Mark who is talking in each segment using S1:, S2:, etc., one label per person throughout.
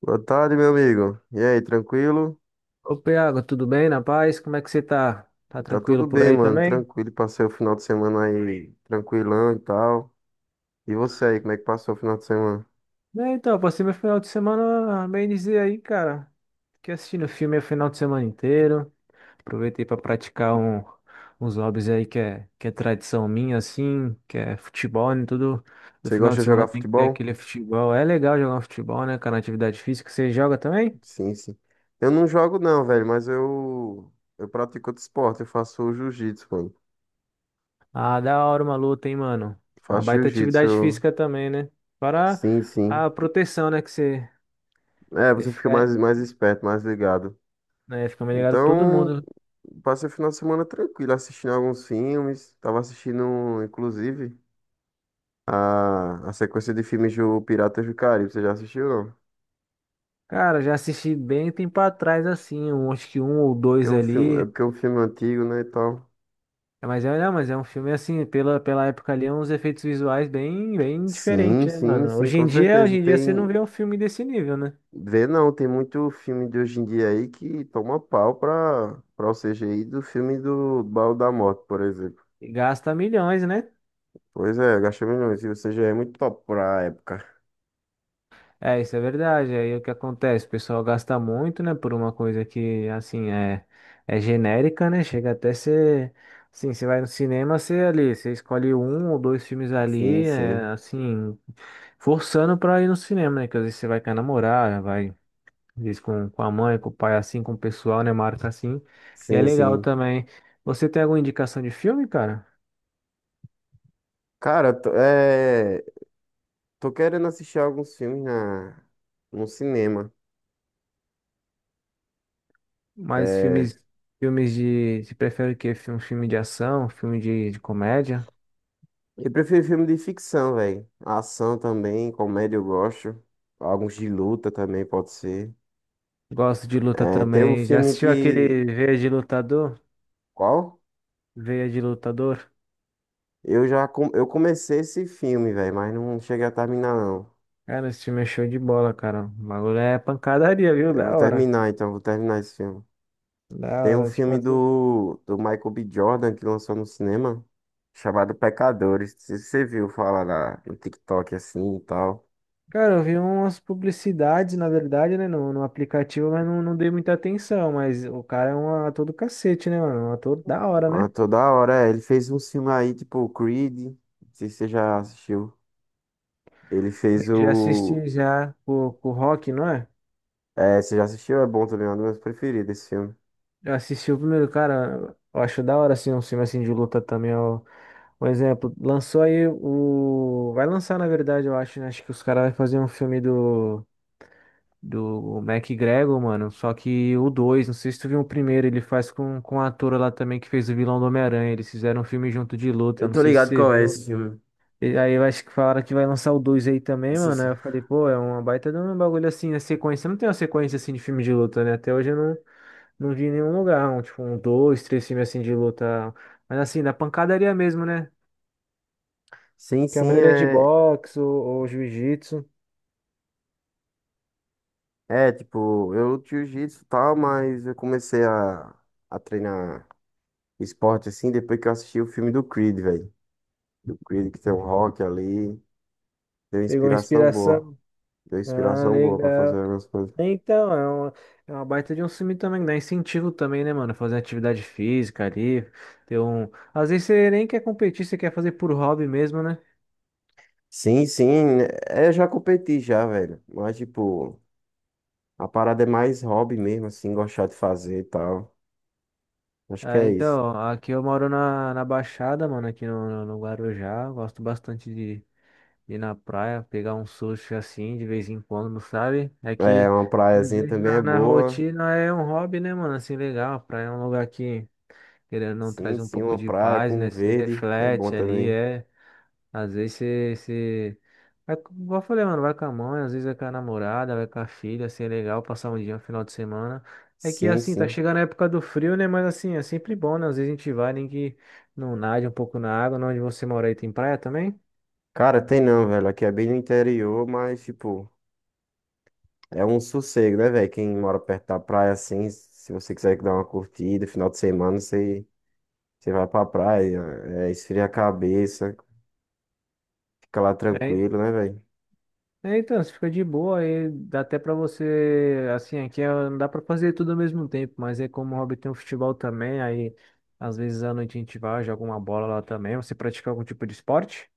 S1: Boa tarde, meu amigo. E aí, tranquilo?
S2: Ô, Piago, tudo bem? Na paz? Como é que você tá? Tá
S1: Tá
S2: tranquilo
S1: tudo
S2: por
S1: bem,
S2: aí
S1: mano.
S2: também?
S1: Tranquilo. Passei o final de semana aí tranquilão e tal. E você aí, como é que passou o final de semana?
S2: Passei meu final de semana bem dizer aí, cara. Fiquei assistindo filme o final de semana inteiro. Aproveitei para praticar uns hobbies aí que é tradição minha, assim, que é futebol, né? Tudo no
S1: Você
S2: final
S1: gosta
S2: de
S1: de
S2: semana
S1: jogar
S2: tem que ter
S1: futebol?
S2: aquele futebol. É legal jogar um futebol, né, cara? Atividade física. Você joga também?
S1: Sim, sim. Eu não jogo não, velho, mas eu pratico outro esporte. Eu faço jiu-jitsu, mano.
S2: Ah, da hora uma luta, hein, mano? Uma
S1: Faço
S2: baita
S1: jiu-jitsu.
S2: atividade física também, né? Para
S1: Sim, sim.
S2: a proteção, né? Que você,
S1: É,
S2: você
S1: você fica
S2: fica
S1: mais esperto, mais ligado.
S2: né? Fica mais ligado que todo
S1: Então,
S2: mundo.
S1: passei o final de semana tranquilo, assistindo alguns filmes. Tava assistindo, inclusive. A sequência de filmes do Piratas do Caribe, você já assistiu, não?
S2: Cara, já assisti bem tempo atrás, assim, um, acho que um ou
S1: Porque é
S2: dois
S1: um filme, é
S2: ali.
S1: porque é um filme antigo, né, e tal.
S2: É, mas é, não, mas é um filme assim, pela época ali, é uns efeitos visuais bem, bem
S1: Sim,
S2: diferentes, né,
S1: sim,
S2: mano?
S1: sim, com
S2: Hoje
S1: certeza.
S2: em dia você não
S1: Tem,
S2: vê um filme desse nível, né?
S1: vê não, tem muito filme de hoje em dia aí que toma pau pra o CGI do filme do Baú da Morte, por exemplo.
S2: E gasta milhões, né?
S1: Pois é, gastou milhões, e o CGI é muito top pra época.
S2: É, isso é verdade. Aí é o que acontece? O pessoal gasta muito, né, por uma coisa que, assim, é genérica, né? Chega até ser. Assim, você vai no cinema, você ali, você escolhe um ou dois filmes
S1: Sim,
S2: ali, é,
S1: sim,
S2: assim, forçando pra ir no cinema, né? Que às vezes você vai com a namorada, vai, às vezes com a mãe, com o pai, assim, com o pessoal, né? Marca assim. E é
S1: sim,
S2: legal
S1: sim.
S2: também. Você tem alguma indicação de filme, cara?
S1: Cara, tô querendo assistir alguns filmes no cinema.
S2: Mas
S1: É,
S2: filmes de. Você prefere o quê? Filme de ação, um filme de comédia?
S1: eu prefiro filme de ficção, velho. Ação também, comédia eu gosto. Alguns de luta também pode ser.
S2: Gosto de luta
S1: É, tem um
S2: também. Já
S1: filme
S2: assistiu
S1: que.
S2: aquele Veia de Lutador?
S1: Qual?
S2: Veia de Lutador?
S1: Eu comecei esse filme, velho, mas não cheguei a terminar, não.
S2: Cara, esse filme é show de bola, cara. O bagulho é pancadaria, viu?
S1: Eu vou
S2: Da hora.
S1: terminar, então, vou terminar esse filme.
S2: Da
S1: Tem um
S2: hora. Tipo
S1: filme
S2: assim.
S1: do Michael B. Jordan que lançou no cinema, chamado Pecadores. Se você viu falar no TikTok assim e tal.
S2: Cara, eu vi umas publicidades, na verdade, né, no aplicativo, mas não dei muita atenção. Mas o cara é um ator do cacete, né, mano? Um ator da hora,
S1: Ah,
S2: né?
S1: toda hora, é, ele fez um filme aí, tipo Creed. Não sei se você já assistiu. Ele fez
S2: Já
S1: o.
S2: assisti já com o Rock, não é?
S1: É, você já assistiu? É bom também, é um dos meus preferidos esse filme.
S2: Já assisti o primeiro, cara. Eu acho da hora, assim, um filme assim de luta também. Ó. Um exemplo, lançou aí o. Vai lançar, na verdade, eu acho, né? Acho que os caras vão fazer um filme do. Do MacGregor, mano. Só que o 2, não sei se tu viu o primeiro, ele faz com a atora lá também que fez o vilão do Homem-Aranha. Eles fizeram um filme junto de luta,
S1: Eu
S2: não
S1: tô
S2: sei se
S1: ligado
S2: você
S1: qual é
S2: viu.
S1: esse filme.
S2: E aí eu acho que falaram que vai lançar o 2 aí também,
S1: Isso
S2: mano. Aí
S1: sim.
S2: eu falei, pô, é uma baita de um bagulho assim, né? Sequência. Não tem uma sequência assim de filme de luta, né? Até hoje eu não vi em nenhum lugar, um, tipo, um, dois, três filmes assim de luta. Mas assim, da pancadaria mesmo, né?
S1: Sim,
S2: Que a
S1: sim,
S2: maioria é de
S1: é.
S2: boxe ou jiu-jitsu.
S1: É, tipo, eu jiu-jitsu e tal, mas eu comecei a treinar esporte assim depois que eu assisti o filme do Creed, velho. Do Creed que tem o rock ali. Deu
S2: Pegou
S1: inspiração boa.
S2: inspiração.
S1: Deu
S2: Ah,
S1: inspiração boa pra fazer
S2: legal.
S1: algumas coisas.
S2: Então, é uma baita de um filme também, dá incentivo também, né, mano? Fazer atividade física ali, ter um. Às vezes você nem quer competir, você quer fazer por hobby mesmo, né?
S1: Sim, sim, né, é, eu já competi já, velho. Mas, tipo, a parada é mais hobby mesmo, assim, gostar de fazer e tal. Acho que
S2: Ah,
S1: é isso.
S2: então, aqui eu moro na Baixada, mano, aqui no Guarujá, gosto bastante de ir na praia, pegar um sushi assim, de vez em quando, sabe? É
S1: É,
S2: que,
S1: uma
S2: às
S1: praiazinha
S2: vezes,
S1: também é
S2: na
S1: boa.
S2: rotina é um hobby, né, mano? Assim, legal, a praia é um lugar que, querendo ou não, traz
S1: Sim,
S2: um
S1: sim,
S2: pouco
S1: uma
S2: de
S1: praia
S2: paz,
S1: com
S2: né? Se
S1: verde é bom
S2: reflete ali,
S1: também.
S2: é. Às vezes você. Vai, igual eu falei, mano, vai com a mãe, às vezes vai com a namorada, vai com a filha, assim, é legal passar um dia, um final de semana. É que,
S1: Sim,
S2: assim, tá
S1: sim.
S2: chegando a época do frio, né? Mas, assim, é sempre bom, né? Às vezes a gente vai, nem que não nade um pouco na água, não, onde você mora aí tem praia também?
S1: Cara, tem não, velho. Aqui é bem no interior, mas, tipo, é um sossego, né, velho? Quem mora perto da praia, assim, se você quiser dar uma curtida, final de semana, você vai pra praia, é, esfria a cabeça, fica lá
S2: É,
S1: tranquilo, né, velho?
S2: então, você fica de boa, aí dá até pra você, assim, não dá pra fazer tudo ao mesmo tempo, mas é como o hobby tem um futebol também, aí às vezes à noite a gente vai, joga uma bola lá também. Você pratica algum tipo de esporte?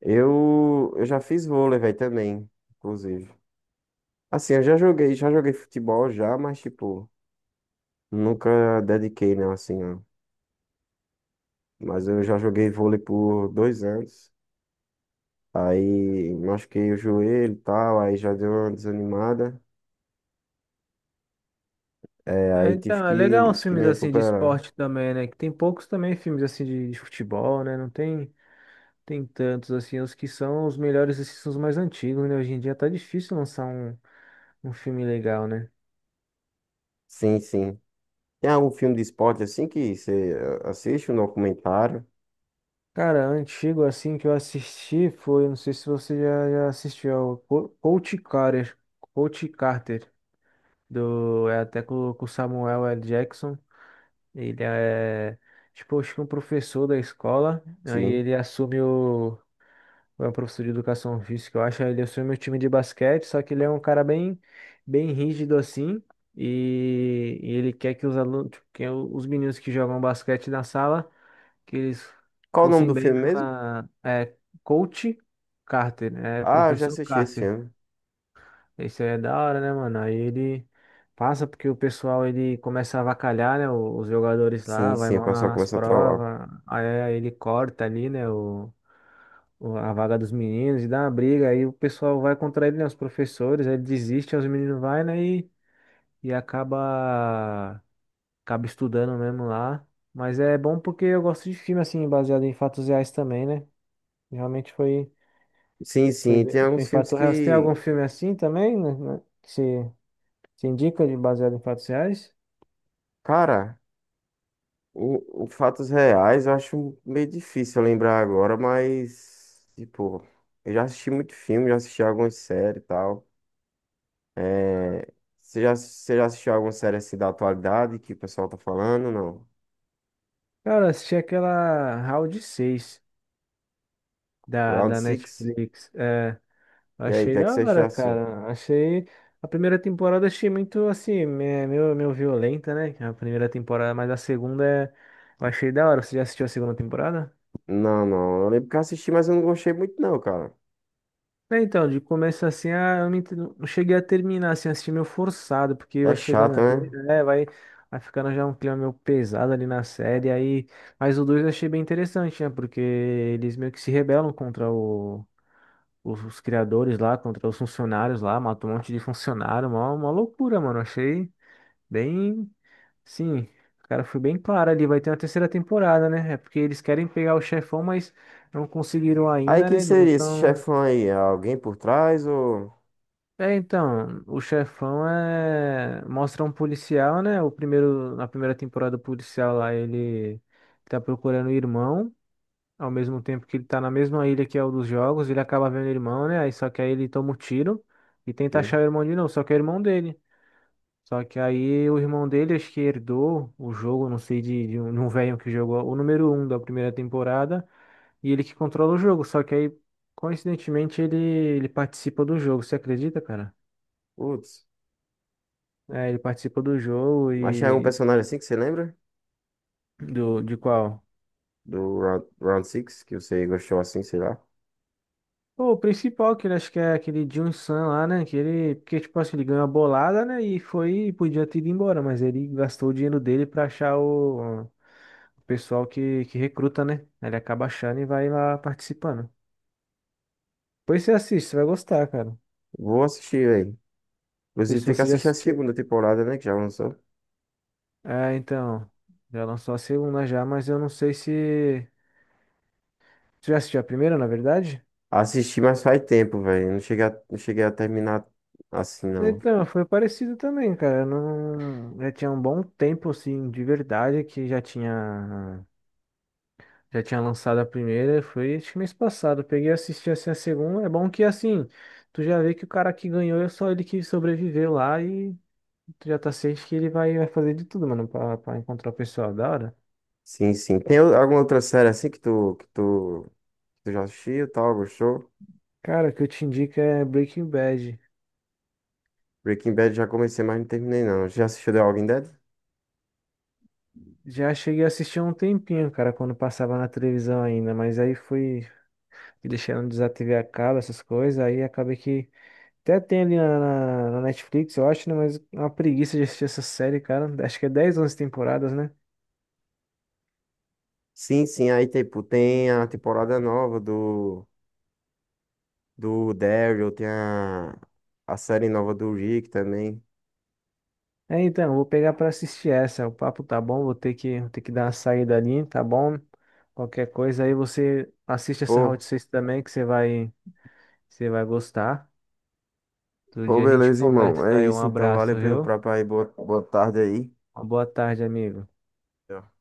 S1: Eu já fiz vôlei, velho, também, inclusive. Assim, eu já joguei futebol já, mas, tipo, nunca dediquei, não, assim, ó. Mas eu já joguei vôlei por dois anos. Aí machuquei o joelho e tal, aí já deu uma desanimada. É, aí
S2: É,
S1: tive
S2: então, é legal uns
S1: que
S2: filmes
S1: me
S2: assim de
S1: recuperar.
S2: esporte também, né? Que tem poucos também filmes assim de futebol, né? Não tem, tem tantos assim. Os que são os melhores assim, são os mais antigos, né? Hoje em dia tá difícil lançar um filme legal, né?
S1: Sim, sim. Tem algum filme de esporte assim que você assiste, um documentário?
S2: Cara, antigo assim que eu assisti foi, não sei se já assistiu, é o Coach Carter, Coach Carter, do, é até com o Samuel L. Jackson. Ele é, tipo, acho que um professor da escola, aí
S1: Sim.
S2: ele assume o é um professor de educação física, eu acho. Ele assume o time de basquete, só que ele é um cara bem, bem rígido assim. E ele quer que os alunos, tipo, que os meninos que jogam basquete na sala, que eles
S1: Qual o nome
S2: fossem
S1: do
S2: bem
S1: filme mesmo?
S2: na, é, coach Carter, é,
S1: Ah, eu já
S2: professor
S1: assisti esse
S2: Carter.
S1: filme.
S2: Isso aí é da hora, né, mano? Aí ele passa porque o pessoal ele começa a avacalhar, né? Os jogadores
S1: Sim,
S2: lá, vai
S1: sim, o
S2: mal
S1: pessoal
S2: nas
S1: começa a trollar.
S2: provas. Aí ele corta ali, né? A vaga dos meninos e dá uma briga. Aí o pessoal vai contra ele, né? Os professores, aí ele desiste, aí os meninos vai, né? E acaba estudando mesmo lá. Mas é bom porque eu gosto de filme, assim, baseado em fatos reais também, né? Realmente foi,
S1: Sim,
S2: foi,
S1: sim,
S2: bem-
S1: tem
S2: foi em
S1: alguns filmes
S2: fato real. Você tem
S1: que,
S2: algum filme assim também, né? Que você indica de baseado em fatos reais?
S1: cara, o fatos reais eu acho meio difícil lembrar agora, mas, tipo, eu já assisti muito filme, já assisti algumas séries e tal. É, você já assistiu alguma série assim da atualidade que o pessoal tá falando? Não.
S2: Cara, eu assisti aquela Round 6
S1: Round
S2: da
S1: Six.
S2: Netflix. É,
S1: E aí, o
S2: achei
S1: que é que
S2: da
S1: você
S2: hora,
S1: achou?
S2: cara. Achei. A primeira temporada achei muito assim, meio violenta, né? A primeira temporada, mas a eu achei da hora. Você já assistiu a segunda temporada?
S1: Não, não. Eu lembro que eu assisti, mas eu não gostei muito, não, cara.
S2: É, então, de começo assim, ah, eu não não cheguei a terminar, assim, assisti meio forçado, porque
S1: É
S2: vai chegando
S1: chato,
S2: ali,
S1: né?
S2: né, vai, vai ficando já um clima meio pesado ali na série, aí, mas o 2 eu achei bem interessante, né, porque eles meio que se rebelam contra os criadores lá, contra os funcionários lá, matam um monte de funcionário, uma loucura, mano, achei bem, sim, o cara foi bem claro ali, vai ter uma terceira temporada, né, é porque eles querem pegar o chefão, mas não conseguiram
S1: Aí
S2: ainda,
S1: quem
S2: né, não
S1: seria esse
S2: tão.
S1: chefão aí? É alguém por trás ou.
S2: É, então, o chefão é mostra um policial, né? O primeiro na primeira temporada o policial lá, ele tá procurando o irmão, ao mesmo tempo que ele tá na mesma ilha que é o dos jogos, ele acaba vendo o irmão, né? Aí só que aí ele toma um tiro e tenta achar
S1: Sim.
S2: o irmão de novo, só que é o irmão dele. Só que aí o irmão dele acho que herdou o jogo, não sei, de um velho que jogou o número um da primeira temporada e ele que controla o jogo, só que aí coincidentemente ele participa do jogo, você acredita, cara?
S1: Putz.
S2: É, ele participa do jogo
S1: Mas é um
S2: e
S1: personagem assim que você lembra?
S2: do de qual?
S1: Do Round Six que você gostou assim, sei lá.
S2: Pô, o principal que ele acho que é aquele Jun San lá, né? Que ele, porque tipo assim, ele ganhou a bolada, né? E foi, podia ter ido embora, mas ele gastou o dinheiro dele pra achar o pessoal que recruta, né? Aí ele acaba achando e vai lá participando. Depois você assiste, você vai gostar, cara. Não
S1: Vou assistir, velho.
S2: sei
S1: Inclusive,
S2: se
S1: tem que
S2: você já
S1: assistir a
S2: assistiu.
S1: segunda temporada, né? Que já lançou.
S2: É, então, já lançou a segunda já, mas eu não sei se você já assistiu a primeira, na verdade?
S1: Assisti, mas faz tempo, velho. Não cheguei a terminar assim, não.
S2: Então, foi parecido também, cara. Eu não, já tinha um bom tempo, assim, de verdade, já tinha lançado a primeira. Foi, acho que mês passado. Eu peguei e assisti, assim, a segunda. É bom que, assim, tu já vê que o cara que ganhou é só ele que sobreviveu lá e tu já tá ciente que ele vai, vai fazer de tudo, mano, pra encontrar o pessoal da hora.
S1: Sim, sim. Alguma outra série assim que tu já assistiu e tal, gostou?
S2: Cara, o que eu te indico é Breaking Bad.
S1: Breaking Bad já comecei, mas não terminei, não. Já assistiu The Walking Dead?
S2: Já cheguei a assistir há um tempinho, cara, quando passava na televisão ainda, mas aí fui deixando desativei a cabo, essas coisas, aí acabei que até tem ali na Netflix, eu acho, né? Mas é uma preguiça de assistir essa série, cara. Acho que é 10 11 temporadas, né?
S1: Sim, sim. Aí, tipo, tem a temporada nova do Daryl, tem a série nova do Rick também.
S2: É, então, eu vou pegar pra assistir essa. O papo tá bom, vou ter que dar uma saída ali, tá bom? Qualquer coisa aí você assiste essa Round
S1: Pô,
S2: 6 também, que você vai gostar. Todo dia a gente
S1: Beleza, irmão.
S2: conversa
S1: É
S2: aí. Um
S1: isso, então. Valeu
S2: abraço,
S1: pelo
S2: viu?
S1: papo aí. Boa tarde aí.
S2: Uma boa tarde, amigo.
S1: Tchau.